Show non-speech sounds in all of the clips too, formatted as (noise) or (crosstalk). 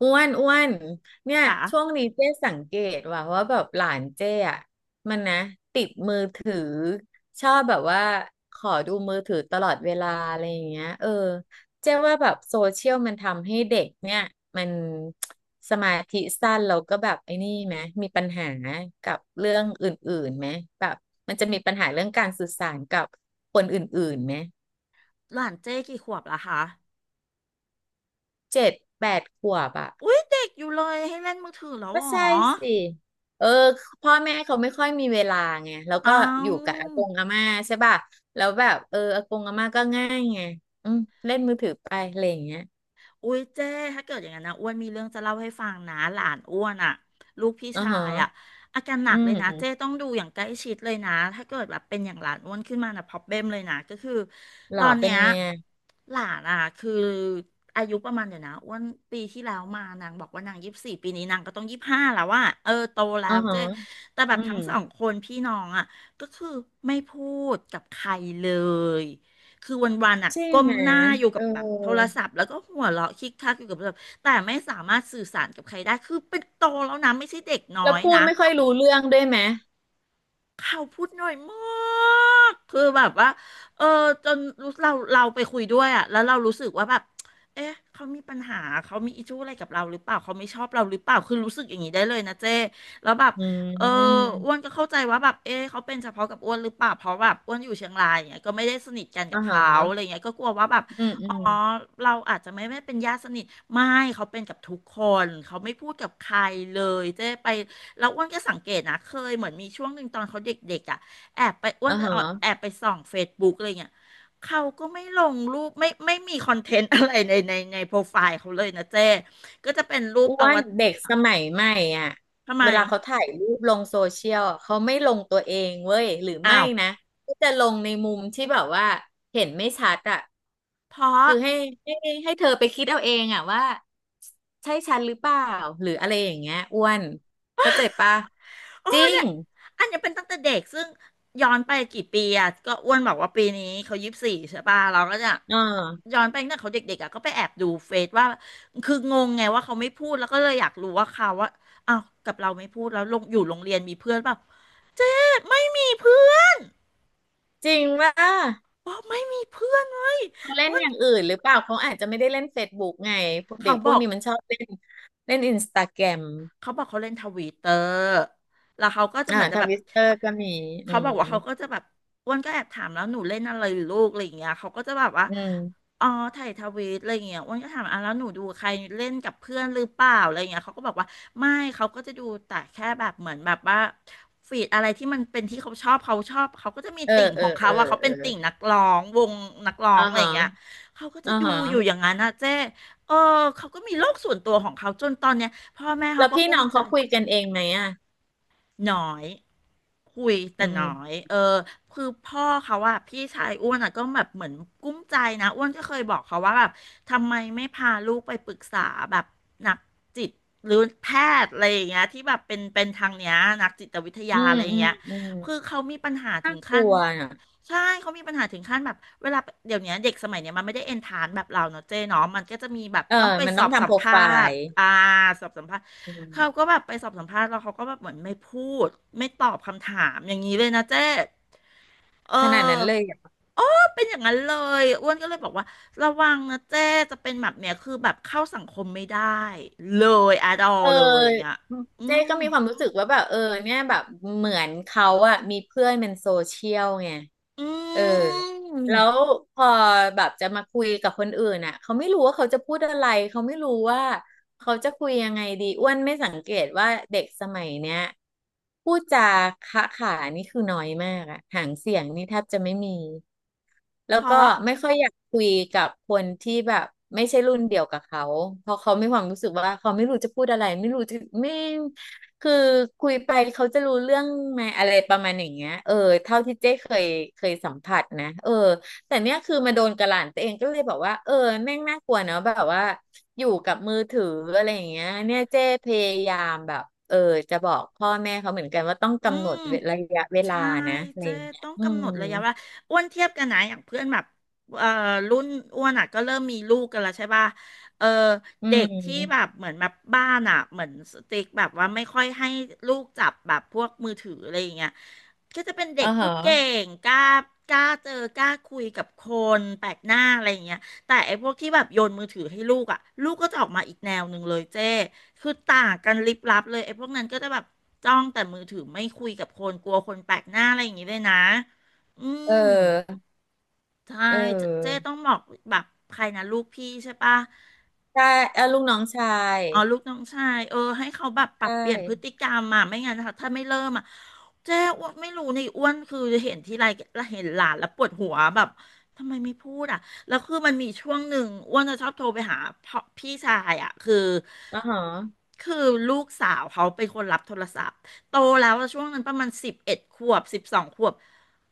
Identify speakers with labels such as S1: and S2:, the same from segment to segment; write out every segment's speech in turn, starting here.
S1: อ้วนอ้วนเนี่ยช่ว
S2: ค่ะ
S1: งนี้เจ๊สังเกตว่าแบบหลานเจ๊อ่ะมันนะติดมือถือชอบแบบว่าขอดูมือถือตลอดเวลาอะไรอย่างเงี้ยเจ๊ว่าแบบโซเชียลมันทำให้เด็กเนี่ยมันสมาธิสั้นแล้วก็แบบไอ้นี่ไหมมีปัญหากับเรื่องอื่นๆไหมแบบมันจะมีปัญหาเรื่องการสื่อสารกับคนอื่นๆไหม
S2: หลานเจ้กี่ขวบละคะ
S1: 7-8 ขวบอ่ะ
S2: อุ๊ยเด็กอยู่เลยให้เล่นมือถือแล้ว
S1: ก็
S2: เหรอ
S1: ใช่สิเออพ่อแม่เขาไม่ค่อยมีเวลาไงแล้ว
S2: เอ
S1: ก็อยู่กับ
S2: า
S1: อากงอาม่าใช่ป่ะแล้วแบบอากงอาม่าก็ง่ายไงอืมเล่นมือถือไปอะไรอย่างเงี้ย
S2: อุ๊ยเจ้ถ้าเกิดอย่างนั้นนะอ้วนมีเรื่องจะเล่าให้ฟังนะหลานอ้วนอ่ะลูกพี่
S1: อ๋อ
S2: ชา
S1: ฮะ
S2: ยอ่ะอาการหนั
S1: อื
S2: กเลยนะเจ้
S1: ม
S2: ต้องดูอย่างใกล้ชิดเลยนะถ้าเกิดแบบเป็นอย่างหลานอ้วนขึ้นมานะพอบเบ e มเลยนะก็คือ
S1: ห
S2: ต
S1: ล่
S2: อ
S1: อ
S2: น
S1: เป็
S2: เนี้
S1: น
S2: ย
S1: ไงอะ
S2: หลานอ่ะคืออายุประมาณเดี๋ยวนะอ้วนปีที่แล้วมานางบอกว่านางยี่สิบสี่ปีนี้นางก็ต้องยี่สิบห้าแล้วว่าเออโตแล้
S1: อ๋อ
S2: ว
S1: ฮะ
S2: เจ้แต่แบ
S1: อื
S2: บทั้
S1: ม
S2: งสองคนพี่น้องอ่ะก็คือไม่พูดกับใครเลย คือวันๆอ่ะ
S1: ใช่
S2: ก้ม
S1: ไหม
S2: หน้าอยู่
S1: เอ
S2: กั
S1: อ
S2: บแบบโทรศัพท์แล้วก็หัวเราะคิกคักอยู่กับโทรศัพท์แต่ไม่สามารถสื่อสารกับใครได้คือเป็นโตแล้วนะไม่ใช่เด็กน้อ
S1: แล้ว
S2: ย
S1: พูด
S2: นะ
S1: ไม่ค่อยรู้เรื่องด้วยไหม
S2: เขาพูดหน่อยมากคือแบบว่าเออจนรู้เราไปคุยด้วยอ่ะแล้วเรารู้สึกว่าแบบเอ๊ะเขามีปัญหาเขามีอิชชูอะไรกับเราหรือเปล่าเขาไม่ชอบเราหรือเปล่าคือรู้สึกอย่างนี้ได้เลยนะเจ้แล้วแบบ
S1: อื
S2: เออ
S1: ม
S2: อ้วนก็เข้าใจว่าแบบเอ๊ะเขาเป็นเฉพาะกับอ้วนหรือเปล่าเพราะแบบอ้วนอยู่เชียงรายอย่างเงี้ยก็ไม่ได้สนิทกันกั
S1: อ๋อ
S2: บ
S1: ฮ
S2: เขาอะไร
S1: ะ
S2: เงี้ยก็กลัวว่าแบบ
S1: อืมอื
S2: อ๋อ
S1: ม
S2: เราอาจจะไม่เป็นญาติสนิทไม่เขาเป็นกับทุกคนเขาไม่พูดกับใครเลยเจ๊ไป แล้วอ้วนก็สังเกตนะเคยเหมือนมีช่วงหนึ่งตอนเขาเด็กๆอ่ะแอบไปอ้ว
S1: อ๋อ
S2: นจะ
S1: ฮะ
S2: แอบไปส่องเฟซบุ๊กอะไรเงี้ยเขาก็ไม่ลงรูปไม่มีคอนเทนต์ (laughs) อะไรในโปรไฟล์เขาเลยนะเจ้ก็จะเป็นรูป
S1: อ้
S2: อ
S1: ว
S2: ว
S1: น
S2: ตาร
S1: เด็กสมัยใหม่อ่ะ
S2: ทำไม
S1: เวลาเขาถ่ายรูปลงโซเชียลอะเขาไม่ลงตัวเองเว้ยหรือ
S2: อ้า
S1: ไม่
S2: ว
S1: นะก็จะลงในมุมที่แบบว่าเห็นไม่ชัดอ่ะ
S2: เพราะ
S1: คือให้ให้เธอไปคิดเอาเองอ่ะว่าใช่ฉันหรือเปล่าหรืออะไรอย่างเงี้ยอ้วนเข้าใจปะ
S2: โอ้
S1: จริ
S2: เนี่
S1: ง
S2: ยอันเนี้ยเป็นตั้งแต่เด็กซึ่งย้อนไปกี่ปีอ่ะก็อ้วนบอกว่าปีนี้เขายี่สิบสี่ใช่ป่ะเราก็จะ
S1: เออ
S2: ย้อนไปตั้งแต่เขาเด็กๆอ่ะก็ไปแอบดูเฟซว่าคืองงไงว่าเขาไม่พูดแล้วก็เลยอยากรู้ว่าเขาว่าอ้าวกับเราไม่พูดแล้วลงอยู่โรงเรียนมีเพื่อนเปล่าไม่มีเพื่อน
S1: จริงว่า
S2: บอกไม่มีเพื่อนเลย
S1: เขาเล่น
S2: อ้ว
S1: อ
S2: น
S1: ย่างอื่นหรือเปล่าเขาอาจจะไม่ได้เล่นเฟซบุ๊กไงพวกเด็
S2: เขา
S1: กพ
S2: บ
S1: วก
S2: อก
S1: นี้มันชอบเล่นเล่นอินสตาแกรม
S2: เขาบอกเขาเล่นทวิตเตอร์แล้วเขาก็จะ
S1: อ่า
S2: เหมือนจะ
S1: ท
S2: แบบ
S1: วิสเตอร์ก็มีอื
S2: เขาบอ
S1: ม
S2: กว่าเขาก็จะแบบอ้วนก็แอบถามแล้วหนูเล่นอะไรหรือลูกอะไรอย่างเงี้ยเขาก็จะแบบว่า
S1: อืม
S2: อ๋อถ่ายทวีตอะไรอย่างเงี้ยอ้วนก็ถามอ่ะแล้วหนูดูใครเล่นกับเพื่อนหรือเปล่าอะไรอย่างเงี้ยเขาก็บอกว่าไม่เขาก็จะดูแต่แค่แบบเหมือนแบบว่าฟีดอะไรที่มันเป็นที่เขาชอบเขาชอบเขาก็จะมี
S1: เออ
S2: ติ่ง
S1: เอ
S2: ข
S1: อ
S2: องเขา
S1: เออ
S2: ว่าเขา
S1: เอ
S2: เป็
S1: อ
S2: นติ่งนักร้องวงนักร้อง
S1: อ่า
S2: อะไรอ
S1: ฮะ
S2: ย่างเงี้ยเขาก็จะ
S1: อ่า
S2: ดู
S1: ฮะ
S2: อยู่อย่างนั้นนะเจ้เออเขาก็มีโลกส่วนตัวของเขาจนตอนเนี้ย พ่อแม่เขา
S1: แล้ว
S2: ก็
S1: พี่
S2: กุ้
S1: น้
S2: ม
S1: อง
S2: ใจ
S1: เขาคุยกันเองไหมอ่ะ
S2: หน้อยคุย
S1: อื
S2: แต่น้อ
S1: ม
S2: ยเออคือพ่อเขาอะพี่ชายอ้วนอะก็แบบเหมือนกุ้มใจนะอ้วนก็เคยบอกเขาว่าแบบทำไมไม่พาลูกไปปรึกษาแบบนักจิตหรือแพทย์อะไรอย่างเงี้ยที่แบบเป็นทางเนี้ยนักจิตวิทยา
S1: อืม
S2: อะไรอย่า
S1: อื
S2: ง
S1: ม
S2: เงี้ย
S1: อืม
S2: คือเขามีปัญหาถึ
S1: น่า
S2: ง
S1: ก
S2: ขั้
S1: ลั
S2: น
S1: วน่ะ
S2: ใช่เขามีปัญหาถึงขั้นแบบเวลาเดี๋ยวเนี้ยเด็กสมัยเนี้ยมันไม่ได้เอนทานแบบเราเนาะเจ๊เนาะมันก็จะมีแบบ
S1: เออ
S2: ต้องไป
S1: มัน
S2: ส
S1: ต้อ
S2: อ
S1: ง
S2: บสั
S1: ทำโป
S2: ม
S1: ร
S2: ภา
S1: ไฟ
S2: ษณ์
S1: ล์
S2: อ่าสอบสัมภาษณ์
S1: อืม
S2: เขาก็แบบไปสอบสัมภาษณ์แล้วเขาก็แบบเหมือนไม่พูดไม่ตอบคำถามอย่างนี้เลยนะเจ๊เอ
S1: ขนาดนั้
S2: อ
S1: นเลย
S2: ก็เป็นอย่างนั้นเลยอ้วนก็เลยบอกว่าระวังนะเจ๊จะเป็นแบบเนี้ยคือแบบเข้าสังคมไม่ได้เลยอะดอ
S1: เ
S2: เลยอย่าง
S1: อ
S2: เงี้ย
S1: อ
S2: อื
S1: เจ๊
S2: ม
S1: ก็มีความรู้สึกว่าแบบเนี่ยแบบเหมือนเขาอะมีเพื่อนเป็นโซเชียลไง
S2: อื
S1: เออแล้ว
S2: ม
S1: พอแบบจะมาคุยกับคนอื่นอะเขาไม่รู้ว่าเขาจะพูดอะไรเขาไม่รู้ว่าเขาจะคุยยังไงดีอ้วนไม่สังเกตว่าเด็กสมัยเนี้ยพูดจาขะขานี่คือน้อยมากอะหางเสียงนี่แทบจะไม่มี แล้
S2: เพ
S1: วก็
S2: ราะ
S1: ไม่ค่อยอยากคุยกับคนที่แบบไม่ใช่รุ่นเดียวกับเขาเพราะเขามีความรู้สึกว่าเขาไม่รู้จะพูดอะไรไม่รู้จะไม่คือคุยไปเขาจะรู้เรื่องไหมอะไรประมาณอย่างเงี้ยเท่าที่เจ๊เคยสัมผัสนะแต่เนี้ยคือมาโดนกระหล่ำตัวเองก็เลยบอกว่าแม่งน่ากลัวเนอะแบบว่าอยู่กับมือถืออะไรอย่างเงี้ยเนี่ยเจ๊พยายามแบบจะบอกพ่อแม่เขาเหมือนกันว่าต้อง
S2: อื
S1: กำหนด
S2: ม
S1: ระยะเวลา
S2: ใช่
S1: นะอะไร
S2: เจ๊
S1: อย่างเงี้ย
S2: ต้อง
S1: อื
S2: กำหน
S1: ม
S2: ดระยะเวลาอ้วนเทียบกันนะอย่างเพื่อนแบบเอ่อรุ่นอ้วนอ่ะก็เริ่มมีลูกกันแล้วใช่ป่ะเออ
S1: อื
S2: เด็กที่แบ
S1: ม
S2: บเหมือนแบบบ้านอ่ะเหมือนสติ๊กแบบว่าไม่ค่อยให้ลูกจับแบบพวกมือถืออะไรอย่างเงี้ยก็จะเป็นเด็ก
S1: อ่า
S2: พู
S1: ฮะ
S2: ดเก่งกล้ากล้าเจอกล้าคุยกับคนแปลกหน้าอะไรอย่างเงี้ยแต่ไอ้พวกที่แบบโยนมือถือให้ลูกอ่ะลูกก็จะออกมาอีกแนวหนึ่งเลยเจ๊ คือต่างกันลิบลับเลยไอ้พวกนั้นก็จะแบบจ้องแต่มือถือไม่คุยกับคนกลัวคนแปลกหน้าอะไรอย่างงี้เลยนะ อื
S1: เ
S2: ม
S1: ออ
S2: ใช่
S1: เอ
S2: เจ๊
S1: อ
S2: ต้องบอกแบบใครนะลูกพี่ใช่ปะ
S1: ใช่เออลูกน้องชาย
S2: อ๋อลูกน้องชายเออให้เขาแบบปรับ
S1: ใช่
S2: เปลี่ยนพฤติกรรมอ่ะไม่งั้นถ้าไม่เริ่มอ่ะเจ๊อ้วนไม่รู้ในอ้วนคือเห็นทีไรแล้วเห็นหลานแล้วปวดหัวแบบทำไมไม่พูดอ่ะแล้วคือมันมีช่วงหนึ่งอ้วนจะชอบโทรไปหาพ่อพี่ชายอ่ะคือ
S1: อ๋อฮะ
S2: คือลูกสาวเขาเป็นคนรับโทรศัพท์โตแล้วอะช่วงนั้นประมาณ11ขวบ12ขวบ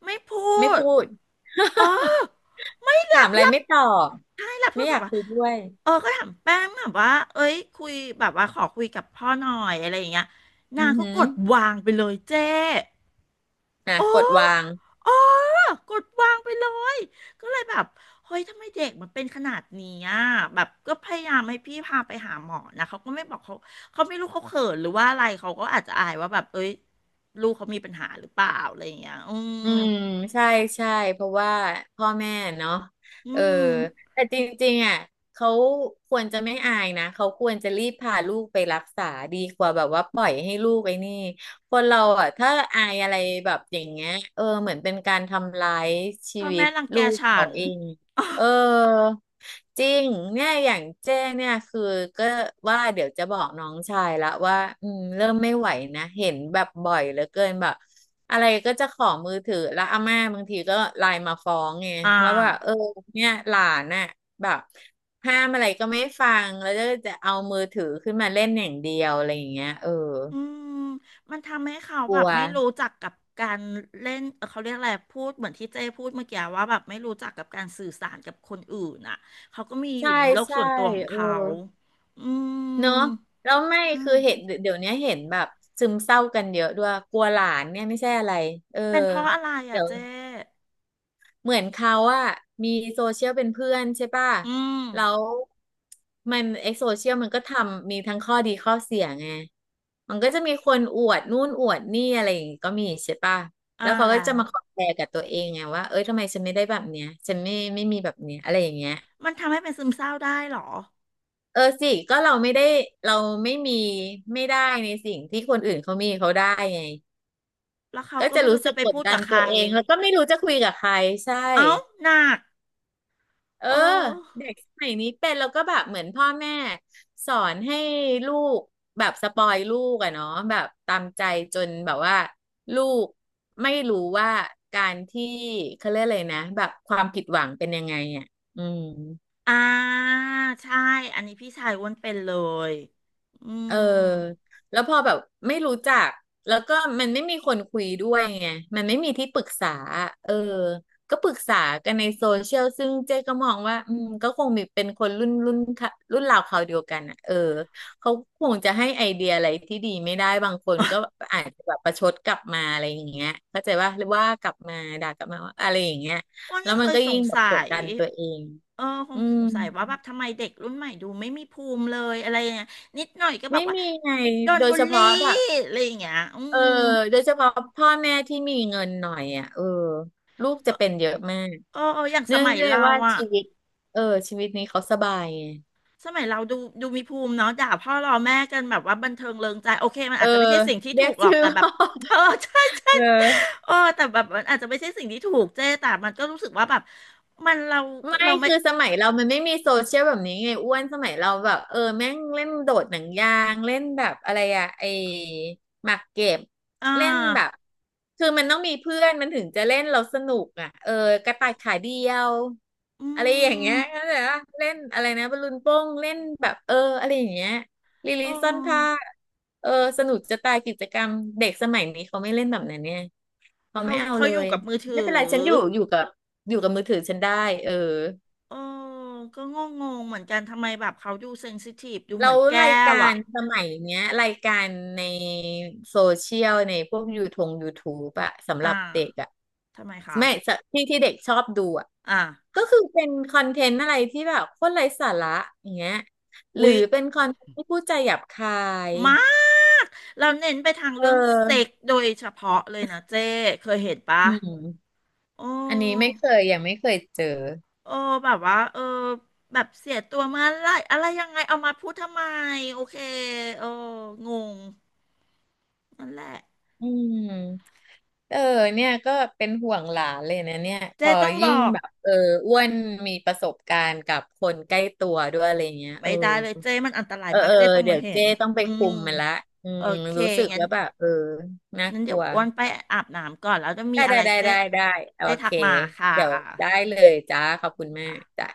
S2: ไม่พู
S1: ไม่
S2: ด
S1: พูด
S2: เออไม่
S1: ถา
S2: รั
S1: ม
S2: บ
S1: อะไร
S2: รับ
S1: ไม่ตอบ
S2: ใช่รับโท
S1: ไม่
S2: ร
S1: อ
S2: ศัพ
S1: ยาก
S2: ท์อ่ะ
S1: คุยด้วย
S2: เออก็ถามแป้งแบบว่าเอ้ยคุยแบบว่าขอคุยกับพ่อหน่อยอะไรอย่างเงี้ย
S1: อื
S2: นา
S1: อ
S2: งก็
S1: หื
S2: ก
S1: อ
S2: ดวางไปเลยเจ้
S1: อ่ะ
S2: โอ้
S1: กดวาง
S2: โอ้กดวางไปเลยก็เลยแบบเฮ้ยทำไมเด็กมันเป็นขนาดนี้อ่ะแบบก็พยายามให้พี่พาไปหาหมอนะเขาก็ไม่บอกเขาเขาไม่รู้เขาเขินหรือว่าอะไรเขาก็อาจจะอายว่าแบบเอ้ยลูกเขามีปัญหาหรือเปล่าอะไรอย่างเงี้ยอืม
S1: อืมใช่ใช่เพราะว่าพ่อแม่เนาะ
S2: อื
S1: เออ
S2: ม
S1: แต่จริงๆอ่ะเขาควรจะไม่อายนะเขาควรจะรีบพาลูกไปรักษาดีกว่าแบบว่าปล่อยให้ลูกไอ้นี่คนเราอ่ะถ้าอายอะไรแบบอย่างเงี้ยเหมือนเป็นการทำร้ายชี
S2: พ่อ
S1: วิ
S2: แม่
S1: ต
S2: รังแก
S1: ลูก
S2: ฉั
S1: เขา
S2: น (laughs)
S1: เอง เออจริงเนี่ยอย่างเจ้งเนี่ยคือก็ว่าเดี๋ยวจะบอกน้องชายละว่าอืมเริ่มไม่ไหวนะเห็นแบบบ่อยเหลือเกินแบบอะไรก็จะขอมือถือแล้วอาม่าบางทีก็ไลน์มาฟ้องไง
S2: อ่า
S1: ว่าแบบเนี่ยหลานน่ะแบบห้ามอะไรก็ไม่ฟังแล้วก็จะเอามือถือขึ้นมาเล่นอย่างเดียวอะไรอย่างเงี้ย
S2: อืมมันทำให้เขา
S1: ก
S2: แบ
S1: ลั
S2: บ
S1: ว
S2: ไม่รู้จักกับการเล่นเขาเรียกอะไรพูดเหมือนที่เจ้พูดเมื่อกี้ว่าแบบไม่รู้จักกับการสื่อสารกับคนอื่นอ่ะเขาก็มีอ
S1: ใช่
S2: ยู่ในโลก
S1: ใช่
S2: ส่วนตัวของ
S1: เออ
S2: เขาอื
S1: เนาะ
S2: ม
S1: แล้วไม่
S2: ใช่
S1: คือเห็นเดี๋ยวเนี้ยเห็นแบบซึมเศร้ากันเยอะด้วยกลัวหลานเนี่ยไม่ใช่อะไรเออ
S2: เป็นเพราะอะไรอ่ะ
S1: เดี๋ยว
S2: เจ้
S1: เหมือนเขาอะมีโซเชียลเป็นเพื่อนใช่ป่ะ
S2: อืม
S1: แล้วมันไอโซเชียลมันก็ทำมีทั้งข้อดีข้อเสียไงมันก็จะมีคนอวดนู่นอวดนี่อะไรอย่างงี้ก็มีใช่ป่ะ
S2: อ่า
S1: แล้วเขาก็
S2: แล้
S1: จะ
S2: ว
S1: มาคอมแพร์กับตัวเองไงว่าเอ้ยทำไมฉันไม่ได้แบบเนี้ยฉันไม่มีแบบเนี้ยอะไรอย่างเงี้ย
S2: มันทำให้เป็นซึมเศร้าได้เหรอ
S1: เออสิก็เราไม่ได้เราไม่มีไม่ได้ในสิ่งที่คนอื่นเขามีเขาได้ไง
S2: แล้วเขา
S1: ก็
S2: ก็
S1: จะ
S2: ไม่
S1: รู้
S2: รู้
S1: สึ
S2: จะ
S1: ก
S2: ไป
S1: กด
S2: พูด
S1: ดั
S2: กั
S1: น
S2: บใค
S1: ตั
S2: ร
S1: วเองแล้วก็ไม่รู้จะคุยกับใครใช่
S2: เอ้าหนัก
S1: เออ
S2: เออ
S1: เด็กสมัยนี้เป็นแล้วก็แบบเหมือนพ่อแม่สอนให้ลูกแบบสปอยลูกอะเนาะแบบตามใจจนแบบว่าลูกไม่รู้ว่าการที่เขาเรียกอะไรนะแบบความผิดหวังเป็นยังไงอะอืม
S2: อ่าใช่อันนี้พี่ชายอ้วนเป็นเลยอื
S1: เออ
S2: ม
S1: แล้วพอแบบไม่รู้จักแล้วก็มันไม่มีคนคุยด้วยไงมันไม่มีที่ปรึกษาเออก็ปรึกษากันในโซเชียลซึ่งเจ๊ก็มองว่าอืมก็คงมีเป็นคนรุ่นค่ะรุ่นราวคราวเดียวกันอ่ะเออเขาคงจะให้ไอเดียอะไรที่ดีไม่ได้บางคนก็อาจจะแบบประชดกลับมาอะไรอย่างเงี้ยเข้าใจว่าหรือว่ากลับมาด่ากลับมาว่าอะไรอย่างเงี้ย
S2: อ้วน
S1: แล้
S2: ก็
S1: ว
S2: เค
S1: มัน
S2: ย
S1: ก็
S2: ส
S1: ยิ่
S2: ง
S1: งแบบ
S2: สั
S1: กด
S2: ย
S1: ดันตัวเอง
S2: เออ ค
S1: อื
S2: งส
S1: ม
S2: งสัยว่าแบบทำไมเด็กรุ่นใหม่ดูไม่มีภูมิเลยอะไรอย่างเงี้ยนิดหน่อยก็แบ
S1: ไม่
S2: บว่า
S1: มีไง
S2: โดน
S1: โดย
S2: บูล
S1: เฉ
S2: ลี่
S1: พาะแบบ
S2: อะไรอย่างเงี้ยอื
S1: เออ
S2: ม
S1: โดยเฉพาะพ่อแม่ที่มีเงินหน่อยอ่ะเออลูกจะเป็นเยอะมาก
S2: เออเอออย่างส
S1: เนื่อง
S2: มัย
S1: ด้วย
S2: เรา
S1: ว่า
S2: อะ
S1: ชีวิตเออชีวิตนี้เขาสบายไง
S2: สมัยเราดูดูมีภูมิเนาะด่าพ่อรอแม่กันแบบว่าบันเทิงเริงใจโอเคมัน
S1: เออ
S2: อาจจะไม่ใช่สิ่งที่
S1: เรีย
S2: ถู
S1: ก
S2: กหร
S1: ชื่
S2: อก
S1: อ
S2: แต่แบบ
S1: พ่อ
S2: เออ (laughs) ใช่
S1: (laughs)
S2: ใช่
S1: เออ
S2: เออแต่แบบมันอาจจะไม่ใช่สิ่งที่ถูกเจ๊แต่มันก็รู้สึกว่าแบบมันเรา
S1: ไม่
S2: เราไม่
S1: คือสมัยเรามันไม่มีโซเชียลแบบนี้ไงอ้วนสมัยเราแบบเออแม่งเล่นโดดหนังยางเล่นแบบอะไรอะไอหมากเก็บ
S2: อ่
S1: เล่นแบบ
S2: า
S1: คือมันต้องมีเพื่อนมันถึงจะเล่นเราสนุกอ่ะเออกระต่ายขาเดียว
S2: อื
S1: อะไรอย่างเงี้
S2: ม
S1: ยเข้าใจปะเล่นอะไรนะบอลลูนโป้งเล่นแบบเอออะไรอย่างเงี้ยลิลิ
S2: เออ
S1: ซ่อนผ้าเออสนุกจะตายกิจกรรมเด็กสมัยนี้เขาไม่เล่นแบบนั้นเนี่ยเขา
S2: เขา
S1: ไม่เอา
S2: เขา
S1: เล
S2: อยู่
S1: ย
S2: กับมือ
S1: ไม่
S2: ถื
S1: เป็น
S2: อ
S1: ไรฉันอยู่กับมือถือฉันได้เออ
S2: เออก็งงงเหมือนกันทำไมแบบเขาดูเซนซิทีฟดู
S1: แล้
S2: เหมือ
S1: ว
S2: นแก้
S1: ราย
S2: ว
S1: การ
S2: อ่ะ
S1: สมัยเนี้ยรายการในโซเชียลในพวกยูทงยูทู e อะสำหรั
S2: อ่า
S1: บเด็กอะ
S2: ทำไมคะ
S1: แม่สะที่เด็กชอบดูอะ
S2: อ่า
S1: ก็คือเป็นคอนเทนต์อะไรที่แบบโคตรไร้สาระอย่างเงี้ยหรือ
S2: อุ๊ย
S1: เป็นคอนเทนต์ที่พูดจาหยาบคาย
S2: มาก เราเน้นไปทาง
S1: เ
S2: เรื่องเซ็
S1: ออ
S2: กโดยเฉพาะเลยนะเจ้เคยเห็นปะ
S1: อืม
S2: โอ้
S1: อันนี้ไม่เคยยังไม่เคยเจอ
S2: โอ้แบบว่า เออ แบบเสียตัวเมื่อไหรอะไรยังไงเอามาพูดทำไม โอเคโอ้งงนั่นแหละ
S1: อืมเออเนี่ยก็เป็นห่วงหลานเลยนะเนี่ยพ
S2: เจ้
S1: อ
S2: ต้องบ
S1: ยิ่ง
S2: อก
S1: แบบเอออ้วนมีประสบการณ์กับคนใกล้ตัวด้วยอะไรเงี้ยเอ
S2: ไม่
S1: อ
S2: ได้เลยเจ้มันอันตราย
S1: เออ
S2: มาก
S1: เออ
S2: เจ้ต้อง
S1: เดี๋
S2: มา
S1: ยว
S2: เห็
S1: เจ้
S2: น
S1: ต้องไป
S2: อื
S1: คุ
S2: ม
S1: มมันละอื
S2: โอ
S1: ม
S2: เค
S1: รู้สึก
S2: งั้น
S1: ว่าแบบเออน่า
S2: งั้น
S1: ก
S2: เดี๋ย
S1: ลั
S2: ว
S1: ว
S2: อ้วนไปอาบน้ำก่อนแล้วจะมี
S1: ได้
S2: อะ
S1: ได้
S2: ไร
S1: ได้
S2: เจ๊
S1: ได้ได้โอ
S2: เจ๊ทั
S1: เค
S2: กมาค่ะ
S1: เดี๋ยวได้เลยจ้าขอบคุณมา
S2: ค่ะ
S1: กจ้ะ